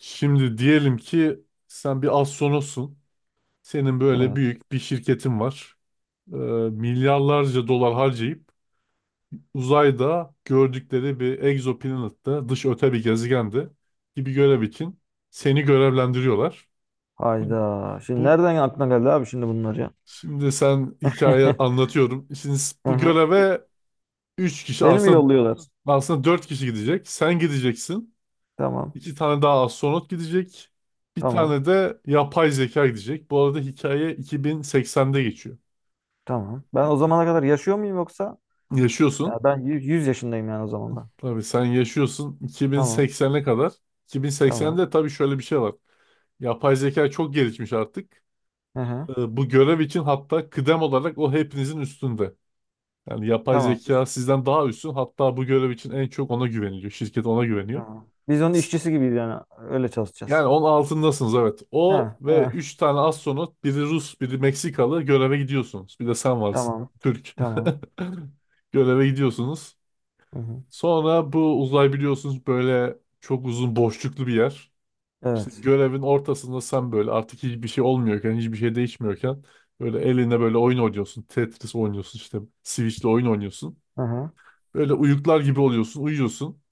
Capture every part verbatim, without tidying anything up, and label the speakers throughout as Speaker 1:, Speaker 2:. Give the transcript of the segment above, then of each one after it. Speaker 1: Şimdi diyelim ki sen bir astronotsun. Senin böyle
Speaker 2: Evet.
Speaker 1: büyük bir şirketin var. Ee, milyarlarca dolar harcayıp uzayda gördükleri bir egzoplanette, dış öte bir gezegende gibi görev için seni görevlendiriyorlar. Bu,
Speaker 2: Hayda. Şimdi
Speaker 1: bu
Speaker 2: nereden aklına geldi abi şimdi bunlar ya?
Speaker 1: şimdi sen hikaye anlatıyorum. Şimdi s-
Speaker 2: Hı
Speaker 1: bu
Speaker 2: hı.
Speaker 1: göreve üç kişi
Speaker 2: Beni mi
Speaker 1: aslında
Speaker 2: yolluyorlar?
Speaker 1: aslında dört kişi gidecek. Sen gideceksin.
Speaker 2: Tamam.
Speaker 1: İki tane daha astronot gidecek. Bir
Speaker 2: Tamam.
Speaker 1: tane de yapay zeka gidecek. Bu arada hikaye iki bin seksende geçiyor.
Speaker 2: Tamam. Ben o
Speaker 1: İki-
Speaker 2: zamana kadar yaşıyor muyum yoksa? Ya
Speaker 1: Yaşıyorsun.
Speaker 2: ben yüz yaşındayım yani o zaman ben.
Speaker 1: Tabii sen yaşıyorsun
Speaker 2: Tamam.
Speaker 1: iki bin seksene kadar.
Speaker 2: Tamam.
Speaker 1: iki bin seksende tabii şöyle bir şey var. Yapay zeka çok gelişmiş artık.
Speaker 2: Hı hı.
Speaker 1: Ee, Bu görev için hatta kıdem olarak o hepinizin üstünde. Yani yapay
Speaker 2: Tamamdır.
Speaker 1: zeka sizden daha üstün. Hatta bu görev için en çok ona güveniliyor. Şirket ona güveniyor.
Speaker 2: Tamam. Biz onun işçisi gibiyiz yani. Öyle çalışacağız.
Speaker 1: Yani onun altındasınız, evet.
Speaker 2: Ha,
Speaker 1: O ve
Speaker 2: ha.
Speaker 1: üç tane astronot, biri Rus, biri Meksikalı, göreve gidiyorsunuz. Bir de sen varsın.
Speaker 2: Tamam.
Speaker 1: Türk.
Speaker 2: Tamam.
Speaker 1: Göreve gidiyorsunuz.
Speaker 2: Hı hı.
Speaker 1: Sonra bu uzay, biliyorsunuz, böyle çok uzun boşluklu bir yer. İşte
Speaker 2: Evet.
Speaker 1: görevin ortasında sen böyle artık hiçbir şey olmuyorken, hiçbir şey değişmiyorken böyle eline böyle oyun oynuyorsun. Tetris oynuyorsun işte, Switch'le oyun oynuyorsun.
Speaker 2: Hı hı.
Speaker 1: Böyle uyuklar gibi oluyorsun, uyuyorsun.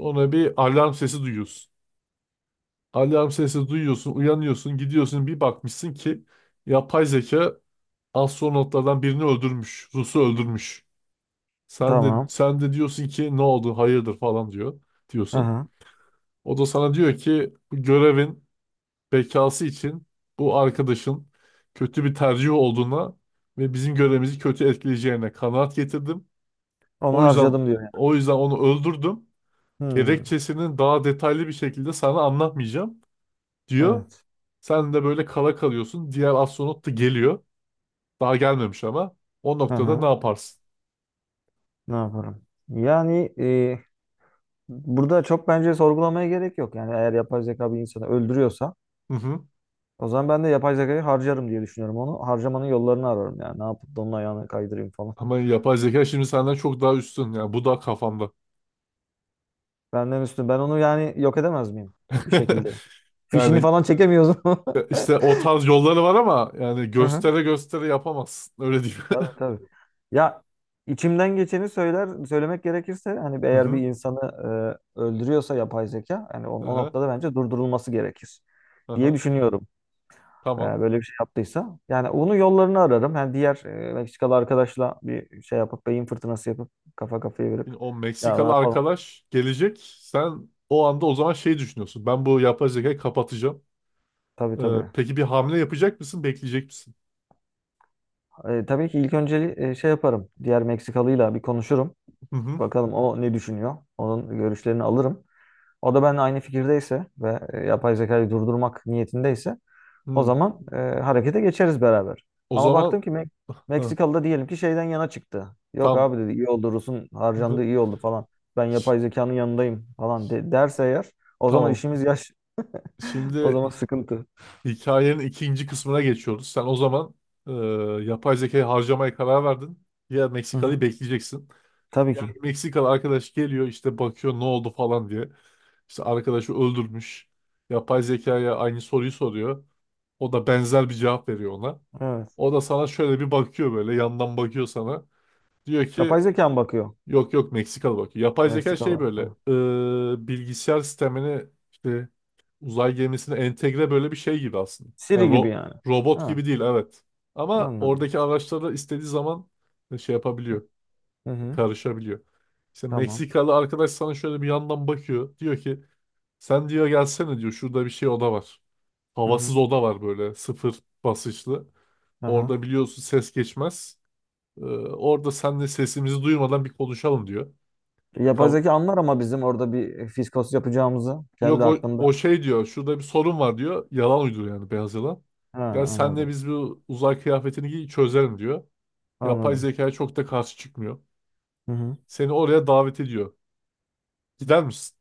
Speaker 1: Sonra bir alarm sesi duyuyorsun. Alarm sesi duyuyorsun, uyanıyorsun, gidiyorsun, bir bakmışsın ki yapay zeka astronotlardan birini öldürmüş, Rus'u öldürmüş. Sen de
Speaker 2: Tamam.
Speaker 1: sen de diyorsun ki ne oldu, hayırdır falan diyor
Speaker 2: Hı
Speaker 1: diyorsun.
Speaker 2: hı.
Speaker 1: O da sana diyor ki bu görevin bekası için bu arkadaşın kötü bir tercih olduğuna ve bizim görevimizi kötü etkileyeceğine kanaat getirdim.
Speaker 2: Onu
Speaker 1: O yüzden
Speaker 2: harcadım diyor yani.
Speaker 1: o yüzden onu öldürdüm.
Speaker 2: Hmm.
Speaker 1: Gerekçesini daha detaylı bir şekilde sana anlatmayacağım, diyor.
Speaker 2: Evet.
Speaker 1: Sen de böyle kala kalıyorsun. Diğer astronot da geliyor. Daha gelmemiş ama. O
Speaker 2: Hı
Speaker 1: noktada ne
Speaker 2: hı.
Speaker 1: yaparsın?
Speaker 2: Ne yaparım? Yani burada çok bence sorgulamaya gerek yok. Yani eğer yapay zeka bir insanı öldürüyorsa
Speaker 1: Hı hı.
Speaker 2: o zaman ben de yapay zekayı harcarım diye düşünüyorum onu. Harcamanın yollarını ararım yani. Ne yapıp da onun ayağını kaydırayım falan.
Speaker 1: Ama yapay zeka şimdi senden çok daha üstün. Yani bu da kafamda.
Speaker 2: Benden üstün. Ben onu yani yok edemez miyim? Bir şekilde. Fişini
Speaker 1: Yani
Speaker 2: falan çekemiyoruz.
Speaker 1: e, işte o tarz yolları var ama yani
Speaker 2: Hı hı.
Speaker 1: göstere göstere yapamazsın. Öyle diyeyim.
Speaker 2: Tabii tabii. Ya içimden geçeni söyler söylemek gerekirse hani
Speaker 1: Hı
Speaker 2: eğer bir
Speaker 1: hı.
Speaker 2: insanı e, öldürüyorsa yapay zeka hani onun o
Speaker 1: Aha.
Speaker 2: noktada bence durdurulması gerekir diye
Speaker 1: Aha.
Speaker 2: düşünüyorum. E,
Speaker 1: Tamam.
Speaker 2: böyle bir şey yaptıysa. Yani onun yollarını ararım. Yani diğer e, Meksikalı arkadaşla bir şey yapıp beyin fırtınası yapıp kafa kafaya verip
Speaker 1: Şimdi o
Speaker 2: ya ne
Speaker 1: Meksikalı
Speaker 2: yapalım?
Speaker 1: arkadaş gelecek. Sen o anda o zaman şey düşünüyorsun. Ben bu yapay zekayı kapatacağım.
Speaker 2: Tabii
Speaker 1: Ee,
Speaker 2: tabii.
Speaker 1: peki bir hamle yapacak mısın? Bekleyecek misin?
Speaker 2: E, tabii ki ilk önceli e, şey yaparım. Diğer Meksikalıyla bir konuşurum.
Speaker 1: Hı hı.
Speaker 2: Bakalım o ne düşünüyor. Onun görüşlerini alırım. O da benimle aynı fikirdeyse ve e, yapay zekayı durdurmak niyetindeyse o
Speaker 1: Hı.
Speaker 2: zaman e, harekete geçeriz beraber.
Speaker 1: O
Speaker 2: Ama baktım
Speaker 1: zaman.
Speaker 2: ki tamam. Mek-
Speaker 1: Hı,
Speaker 2: Meksikalı da diyelim ki şeyden yana çıktı. Yok
Speaker 1: tam.
Speaker 2: abi dedi iyi oldu, Rus'un harcandığı iyi oldu falan. Ben
Speaker 1: Ş-
Speaker 2: yapay zekanın yanındayım falan de- derse eğer o zaman
Speaker 1: Tamam.
Speaker 2: işimiz yaş. O
Speaker 1: Şimdi
Speaker 2: zaman sıkıntı.
Speaker 1: hikayenin ikinci kısmına geçiyoruz. Sen o zaman e, yapay zekayı harcamaya karar verdin. Ya
Speaker 2: Hı hı.
Speaker 1: Meksikalı'yı bekleyeceksin.
Speaker 2: Tabii
Speaker 1: Ya
Speaker 2: ki.
Speaker 1: Meksikalı arkadaş geliyor işte bakıyor ne oldu falan diye. İşte arkadaşı öldürmüş. Yapay zekaya aynı soruyu soruyor. O da benzer bir cevap veriyor ona.
Speaker 2: Evet.
Speaker 1: O da sana şöyle bir bakıyor, böyle yandan bakıyor sana. Diyor
Speaker 2: Yapay
Speaker 1: ki
Speaker 2: zeka mı bakıyor?
Speaker 1: yok yok, Meksikalı bakıyor.
Speaker 2: Ha,
Speaker 1: Yapay zeka şey
Speaker 2: Meksikalı.
Speaker 1: böyle
Speaker 2: Ha.
Speaker 1: e, bilgisayar sistemini işte uzay gemisine entegre böyle bir şey gibi aslında. Yani
Speaker 2: Siri gibi
Speaker 1: ro-
Speaker 2: yani.
Speaker 1: robot
Speaker 2: Ha,
Speaker 1: gibi değil, evet. Ama
Speaker 2: anladım.
Speaker 1: oradaki araçlara istediği zaman şey yapabiliyor,
Speaker 2: Hı hı.
Speaker 1: karışabiliyor. İşte
Speaker 2: Tamam.
Speaker 1: Meksikalı arkadaş sana şöyle bir yandan bakıyor. Diyor ki sen diyor gelsene diyor şurada bir şey oda var.
Speaker 2: Hı
Speaker 1: Havasız
Speaker 2: hı.
Speaker 1: oda var böyle sıfır basınçlı.
Speaker 2: Aha.
Speaker 1: Orada biliyorsun ses geçmez. Ee, orada seninle sesimizi duymadan bir konuşalım diyor.
Speaker 2: Yapay
Speaker 1: Ka-
Speaker 2: zeka anlar ama bizim orada bir e, fiskos yapacağımızı kendi
Speaker 1: Yok, o, o
Speaker 2: hakkında.
Speaker 1: şey diyor. Şurada bir sorun var diyor. Yalan uyduruyor yani, beyaz yalan.
Speaker 2: Ha,
Speaker 1: Ya senle
Speaker 2: anladım.
Speaker 1: biz bu uzay kıyafetini giy çözelim diyor. Yapay
Speaker 2: Anladım.
Speaker 1: zekaya çok da karşı çıkmıyor.
Speaker 2: Hı hı.
Speaker 1: Seni oraya davet ediyor. Gider misin?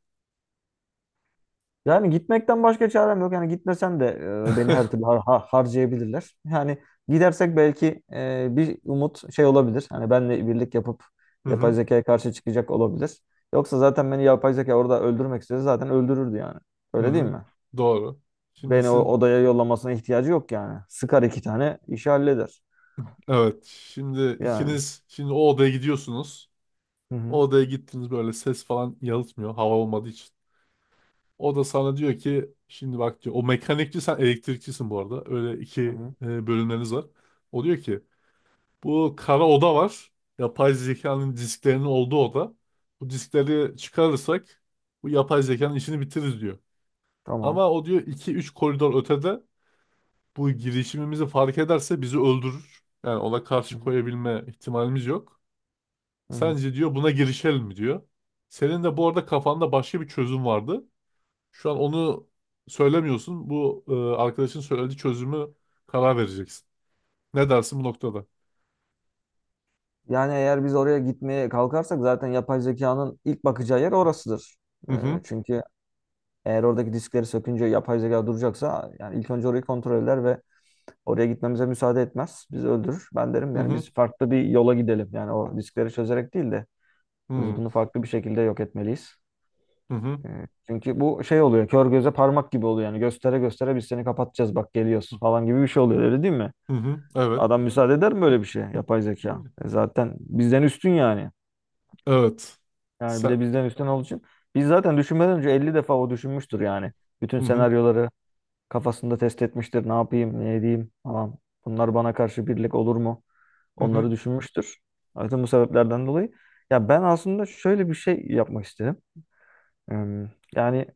Speaker 2: Yani gitmekten başka çarem yok. Yani gitmesen de e, beni her türlü har- har- harcayabilirler. Yani gidersek belki e, bir umut şey olabilir. Hani benle birlik yapıp
Speaker 1: Hı
Speaker 2: yapay
Speaker 1: hı.
Speaker 2: zekaya karşı çıkacak olabilir. Yoksa zaten beni yapay zeka orada öldürmek istese zaten öldürürdü yani.
Speaker 1: Hı
Speaker 2: Öyle değil
Speaker 1: hı.
Speaker 2: mi?
Speaker 1: Doğru. Şimdi
Speaker 2: Beni o
Speaker 1: siz,
Speaker 2: odaya yollamasına ihtiyacı yok yani. Sıkar iki tane işi halleder.
Speaker 1: evet, şimdi
Speaker 2: Yani.
Speaker 1: ikiniz şimdi o odaya gidiyorsunuz.
Speaker 2: Hı
Speaker 1: O
Speaker 2: hı.
Speaker 1: odaya gittiniz böyle ses falan yalıtmıyor hava olmadığı için. O da sana diyor ki şimdi bak diyor o mekanikçi sen elektrikçisin bu arada. Öyle iki
Speaker 2: Hı hı.
Speaker 1: e, bölümleriniz var. O diyor ki bu kara oda var. Yapay zekanın disklerinin olduğu oda. Bu diskleri çıkarırsak bu yapay zekanın işini bitiririz diyor.
Speaker 2: Tamam.
Speaker 1: Ama o diyor iki üç koridor ötede bu girişimimizi fark ederse bizi öldürür. Yani ona
Speaker 2: Hı
Speaker 1: karşı
Speaker 2: hı.
Speaker 1: koyabilme ihtimalimiz yok.
Speaker 2: Hı hı.
Speaker 1: Sence diyor buna girişelim mi diyor. Senin de bu arada kafanda başka bir çözüm vardı. Şu an onu söylemiyorsun. Bu e, arkadaşın söylediği çözümü karar vereceksin. Ne dersin bu noktada?
Speaker 2: Yani eğer biz oraya gitmeye kalkarsak zaten yapay zekanın ilk bakacağı yer orasıdır.
Speaker 1: Hı
Speaker 2: Ee,
Speaker 1: hı,
Speaker 2: çünkü eğer oradaki diskleri sökünce yapay zeka duracaksa yani ilk önce orayı kontrol eder ve oraya gitmemize müsaade etmez. Bizi öldürür. Ben derim
Speaker 1: hı
Speaker 2: yani
Speaker 1: hı,
Speaker 2: biz farklı bir yola gidelim. Yani o diskleri çözerek değil de
Speaker 1: hı
Speaker 2: biz
Speaker 1: hı.
Speaker 2: bunu farklı bir şekilde yok etmeliyiz.
Speaker 1: Hı hı.
Speaker 2: Ee, Çünkü bu şey oluyor. Kör göze parmak gibi oluyor. Yani göstere göstere biz seni kapatacağız bak geliyoruz falan gibi bir şey oluyor, öyle değil mi?
Speaker 1: Hı hı. Evet.
Speaker 2: Adam müsaade eder mi böyle bir şeye yapay zeka? E zaten bizden üstün yani.
Speaker 1: Evet.
Speaker 2: Yani bir
Speaker 1: Sen.
Speaker 2: de bizden üstün olduğu için biz zaten düşünmeden önce elli defa o düşünmüştür yani. Bütün
Speaker 1: Hı hı.
Speaker 2: senaryoları kafasında test etmiştir. Ne yapayım, ne edeyim falan. Bunlar bana karşı birlik olur mu?
Speaker 1: Hı hı.
Speaker 2: Onları düşünmüştür. Zaten bu sebeplerden dolayı. Ya ben aslında şöyle bir şey yapmak istedim. Em, Yani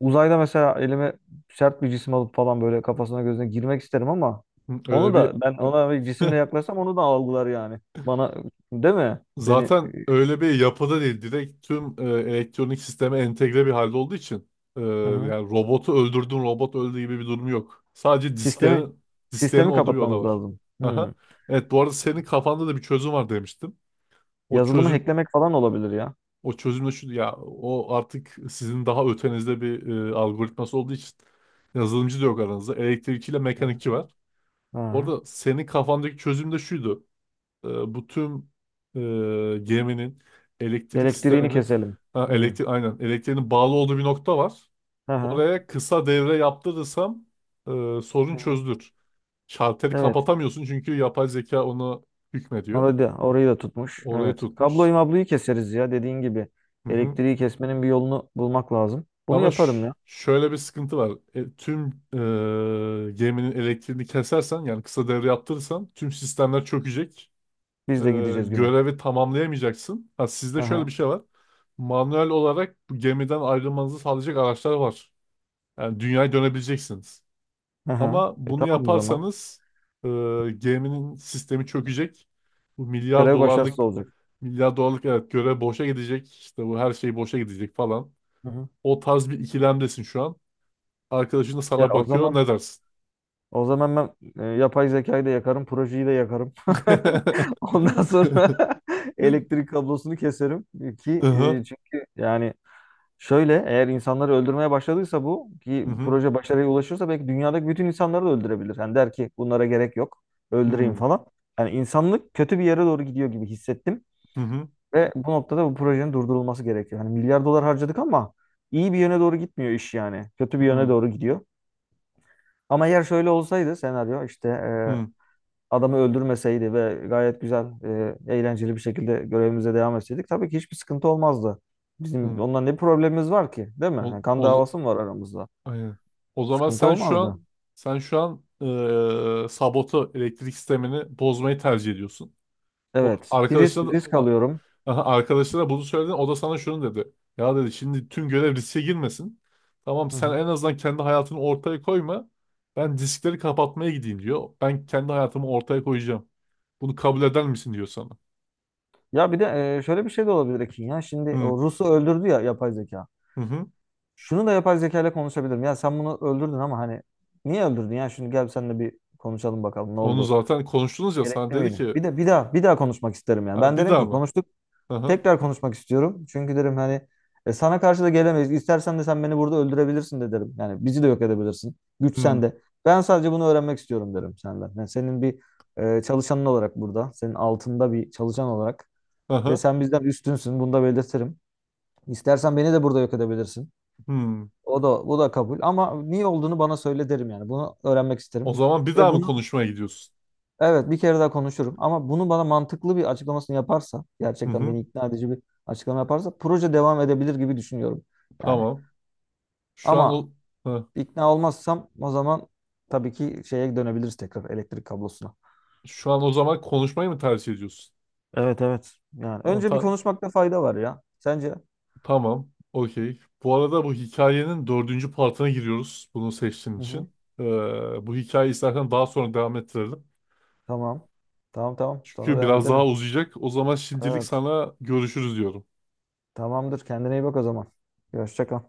Speaker 2: uzayda mesela elime sert bir cisim alıp falan böyle kafasına gözüne girmek isterim ama
Speaker 1: Hı. Öyle
Speaker 2: onu
Speaker 1: bir
Speaker 2: da ben ona bir cisimle yaklaşsam onu da algılar yani. Bana değil mi? Beni
Speaker 1: zaten öyle bir yapıda değil. Direkt tüm e, elektronik sisteme entegre bir halde olduğu için e,
Speaker 2: Hı hı.
Speaker 1: yani robotu öldürdün robot öldü gibi bir durum yok. Sadece
Speaker 2: Sistemi
Speaker 1: disklerin disklerin
Speaker 2: sistemi
Speaker 1: olduğu bir oda
Speaker 2: kapatmamız
Speaker 1: var.
Speaker 2: lazım. Hmm.
Speaker 1: Aha. Evet, bu arada senin kafanda da bir çözüm var demiştim. O
Speaker 2: Yazılımı
Speaker 1: çözüm
Speaker 2: hacklemek falan olabilir ya.
Speaker 1: o çözüm de şu ya o artık sizin daha ötenizde bir e, algoritması olduğu için yazılımcı da yok aranızda. Elektrikçiyle
Speaker 2: Hı hı.
Speaker 1: mekanikçi var.
Speaker 2: Aha.
Speaker 1: Orada senin kafandaki çözüm de şuydu. Ee, bu tüm e, geminin elektrik
Speaker 2: Elektriğini
Speaker 1: sisteminin
Speaker 2: keselim.
Speaker 1: ha,
Speaker 2: Hı.
Speaker 1: elektrik aynen elektriğinin bağlı olduğu bir nokta var.
Speaker 2: Aha.
Speaker 1: Oraya kısa devre yaptırırsam e,
Speaker 2: Hı
Speaker 1: sorun
Speaker 2: hı.
Speaker 1: çözülür. Şalteri
Speaker 2: Evet.
Speaker 1: kapatamıyorsun çünkü yapay zeka onu hükmediyor.
Speaker 2: Orayı da, orayı da tutmuş.
Speaker 1: Orayı
Speaker 2: Evet.
Speaker 1: tutmuş.
Speaker 2: Kabloyu mabloyu keseriz ya dediğin gibi.
Speaker 1: Hı hı.
Speaker 2: Elektriği kesmenin bir yolunu bulmak lazım. Bunu
Speaker 1: Ama
Speaker 2: yaparım
Speaker 1: ş-
Speaker 2: ya.
Speaker 1: şöyle bir sıkıntı var. E, tüm e, geminin elektriğini kesersen yani kısa devre yaptırırsan tüm sistemler çökecek. e,
Speaker 2: Biz de gideceğiz güme.
Speaker 1: görevi tamamlayamayacaksın. Ha, sizde şöyle bir
Speaker 2: Aha.
Speaker 1: şey var. Manuel olarak bu gemiden ayrılmanızı sağlayacak araçlar var. Yani dünyaya dönebileceksiniz.
Speaker 2: Aha.
Speaker 1: Ama
Speaker 2: E
Speaker 1: bunu
Speaker 2: tamam o zaman.
Speaker 1: yaparsanız e, geminin sistemi çökecek. Bu milyar
Speaker 2: Görev başarısız
Speaker 1: dolarlık
Speaker 2: olacak.
Speaker 1: milyar dolarlık evet görev boşa gidecek. İşte bu her şey boşa gidecek falan.
Speaker 2: Hı hı.
Speaker 1: O tarz bir ikilemdesin şu an. Arkadaşın da
Speaker 2: Ya
Speaker 1: sana
Speaker 2: o
Speaker 1: bakıyor.
Speaker 2: zaman
Speaker 1: Ne dersin?
Speaker 2: o zaman ben e, yapay zekayı da yakarım, projeyi de yakarım. Ondan sonra elektrik kablosunu keserim ki
Speaker 1: Hı.
Speaker 2: e, çünkü yani şöyle eğer insanları öldürmeye başladıysa bu, ki
Speaker 1: Hı hı.
Speaker 2: proje başarıya ulaşırsa belki dünyadaki bütün insanları da öldürebilir. Hani der ki bunlara gerek yok
Speaker 1: Hı
Speaker 2: öldüreyim
Speaker 1: hı.
Speaker 2: falan. Yani insanlık kötü bir yere doğru gidiyor gibi hissettim.
Speaker 1: Hı hı.
Speaker 2: Ve bu noktada bu projenin durdurulması gerekiyor. Hani milyar dolar harcadık ama iyi bir yöne doğru gitmiyor iş yani. Kötü bir
Speaker 1: Hı
Speaker 2: yöne
Speaker 1: hı.
Speaker 2: doğru gidiyor. Ama eğer şöyle olsaydı senaryo, işte
Speaker 1: Hı
Speaker 2: adamı öldürmeseydi ve gayet güzel, e, eğlenceli bir şekilde görevimize devam etseydik tabii ki hiçbir sıkıntı olmazdı. Bizim
Speaker 1: hı.
Speaker 2: ondan ne problemimiz var ki, değil mi?
Speaker 1: Ol,
Speaker 2: Yani kan
Speaker 1: ol,
Speaker 2: davası mı var aramızda?
Speaker 1: aynen. O zaman
Speaker 2: Sıkıntı
Speaker 1: sen şu an
Speaker 2: olmazdı.
Speaker 1: sen şu an eee sabotu elektrik sistemini bozmayı tercih ediyorsun. O
Speaker 2: Evet, bir risk,
Speaker 1: arkadaşlar
Speaker 2: risk
Speaker 1: a-
Speaker 2: alıyorum.
Speaker 1: aha, arkadaşlara bunu söyledin. O da sana şunu dedi. Ya dedi şimdi tüm görev riske girmesin. Tamam
Speaker 2: Hı
Speaker 1: sen
Speaker 2: hı.
Speaker 1: en azından kendi hayatını ortaya koyma. Ben diskleri kapatmaya gideyim diyor. Ben kendi hayatımı ortaya koyacağım. Bunu kabul eder misin diyor sana.
Speaker 2: Ya bir de e, şöyle bir şey de olabilir Ekin ya. Şimdi
Speaker 1: Hı
Speaker 2: o Rus'u öldürdü ya yapay zeka.
Speaker 1: hı. Hı.
Speaker 2: Şunu da yapay zeka ile konuşabilirim. Ya sen bunu öldürdün ama hani niye öldürdün ya? Şimdi gel seninle bir konuşalım bakalım ne
Speaker 1: Onu
Speaker 2: oldu?
Speaker 1: zaten konuştunuz ya sana
Speaker 2: Gerekli
Speaker 1: dedi
Speaker 2: miydi?
Speaker 1: ki
Speaker 2: Bir de bir daha bir daha konuşmak isterim yani.
Speaker 1: "Ha,
Speaker 2: Ben
Speaker 1: bir
Speaker 2: derim
Speaker 1: daha
Speaker 2: ki
Speaker 1: mı?
Speaker 2: konuştuk,
Speaker 1: Aha.
Speaker 2: tekrar konuşmak istiyorum. Çünkü derim hani e, sana karşı da gelemeyiz. İstersen de sen beni burada öldürebilirsin de derim. Yani bizi de yok edebilirsin. Güç
Speaker 1: Hı.
Speaker 2: sende. Ben sadece bunu öğrenmek istiyorum derim senden. Yani senin bir e, çalışanın olarak burada. Senin altında bir çalışan olarak. Ve
Speaker 1: Hı
Speaker 2: sen bizden üstünsün. Bunu da belirtirim. İstersen beni de burada yok edebilirsin.
Speaker 1: hı.
Speaker 2: O da bu da kabul. Ama niye olduğunu bana söyle derim yani. Bunu öğrenmek
Speaker 1: O
Speaker 2: isterim.
Speaker 1: zaman bir
Speaker 2: Ve
Speaker 1: daha mı
Speaker 2: bunu
Speaker 1: konuşmaya gidiyorsun?
Speaker 2: Evet, bir kere daha konuşurum ama bunu bana mantıklı bir açıklamasını yaparsa,
Speaker 1: Hı
Speaker 2: gerçekten
Speaker 1: hı.
Speaker 2: beni ikna edici bir açıklama yaparsa proje devam edebilir gibi düşünüyorum. Yani
Speaker 1: Tamam. Şu an
Speaker 2: ama
Speaker 1: o. Hı.
Speaker 2: ikna olmazsam o zaman tabii ki şeye dönebiliriz, tekrar elektrik kablosuna.
Speaker 1: Şu an o zaman konuşmayı mı tercih ediyorsun?
Speaker 2: Evet evet. Yani
Speaker 1: Tamam.
Speaker 2: önce bir
Speaker 1: Ta-
Speaker 2: konuşmakta fayda var ya. Sence?
Speaker 1: tamam. Okey. Bu arada bu hikayenin dördüncü partına giriyoruz. Bunu seçtiğin
Speaker 2: Hı hı.
Speaker 1: için. Ee, bu hikayeyi istersen daha sonra devam ettirelim.
Speaker 2: Tamam. Tamam tamam. Sonra
Speaker 1: Çünkü
Speaker 2: devam
Speaker 1: biraz daha
Speaker 2: edelim.
Speaker 1: uzayacak. O zaman şimdilik
Speaker 2: Evet.
Speaker 1: sana görüşürüz diyorum.
Speaker 2: Tamamdır. Kendine iyi bak o zaman. Hoşça kal.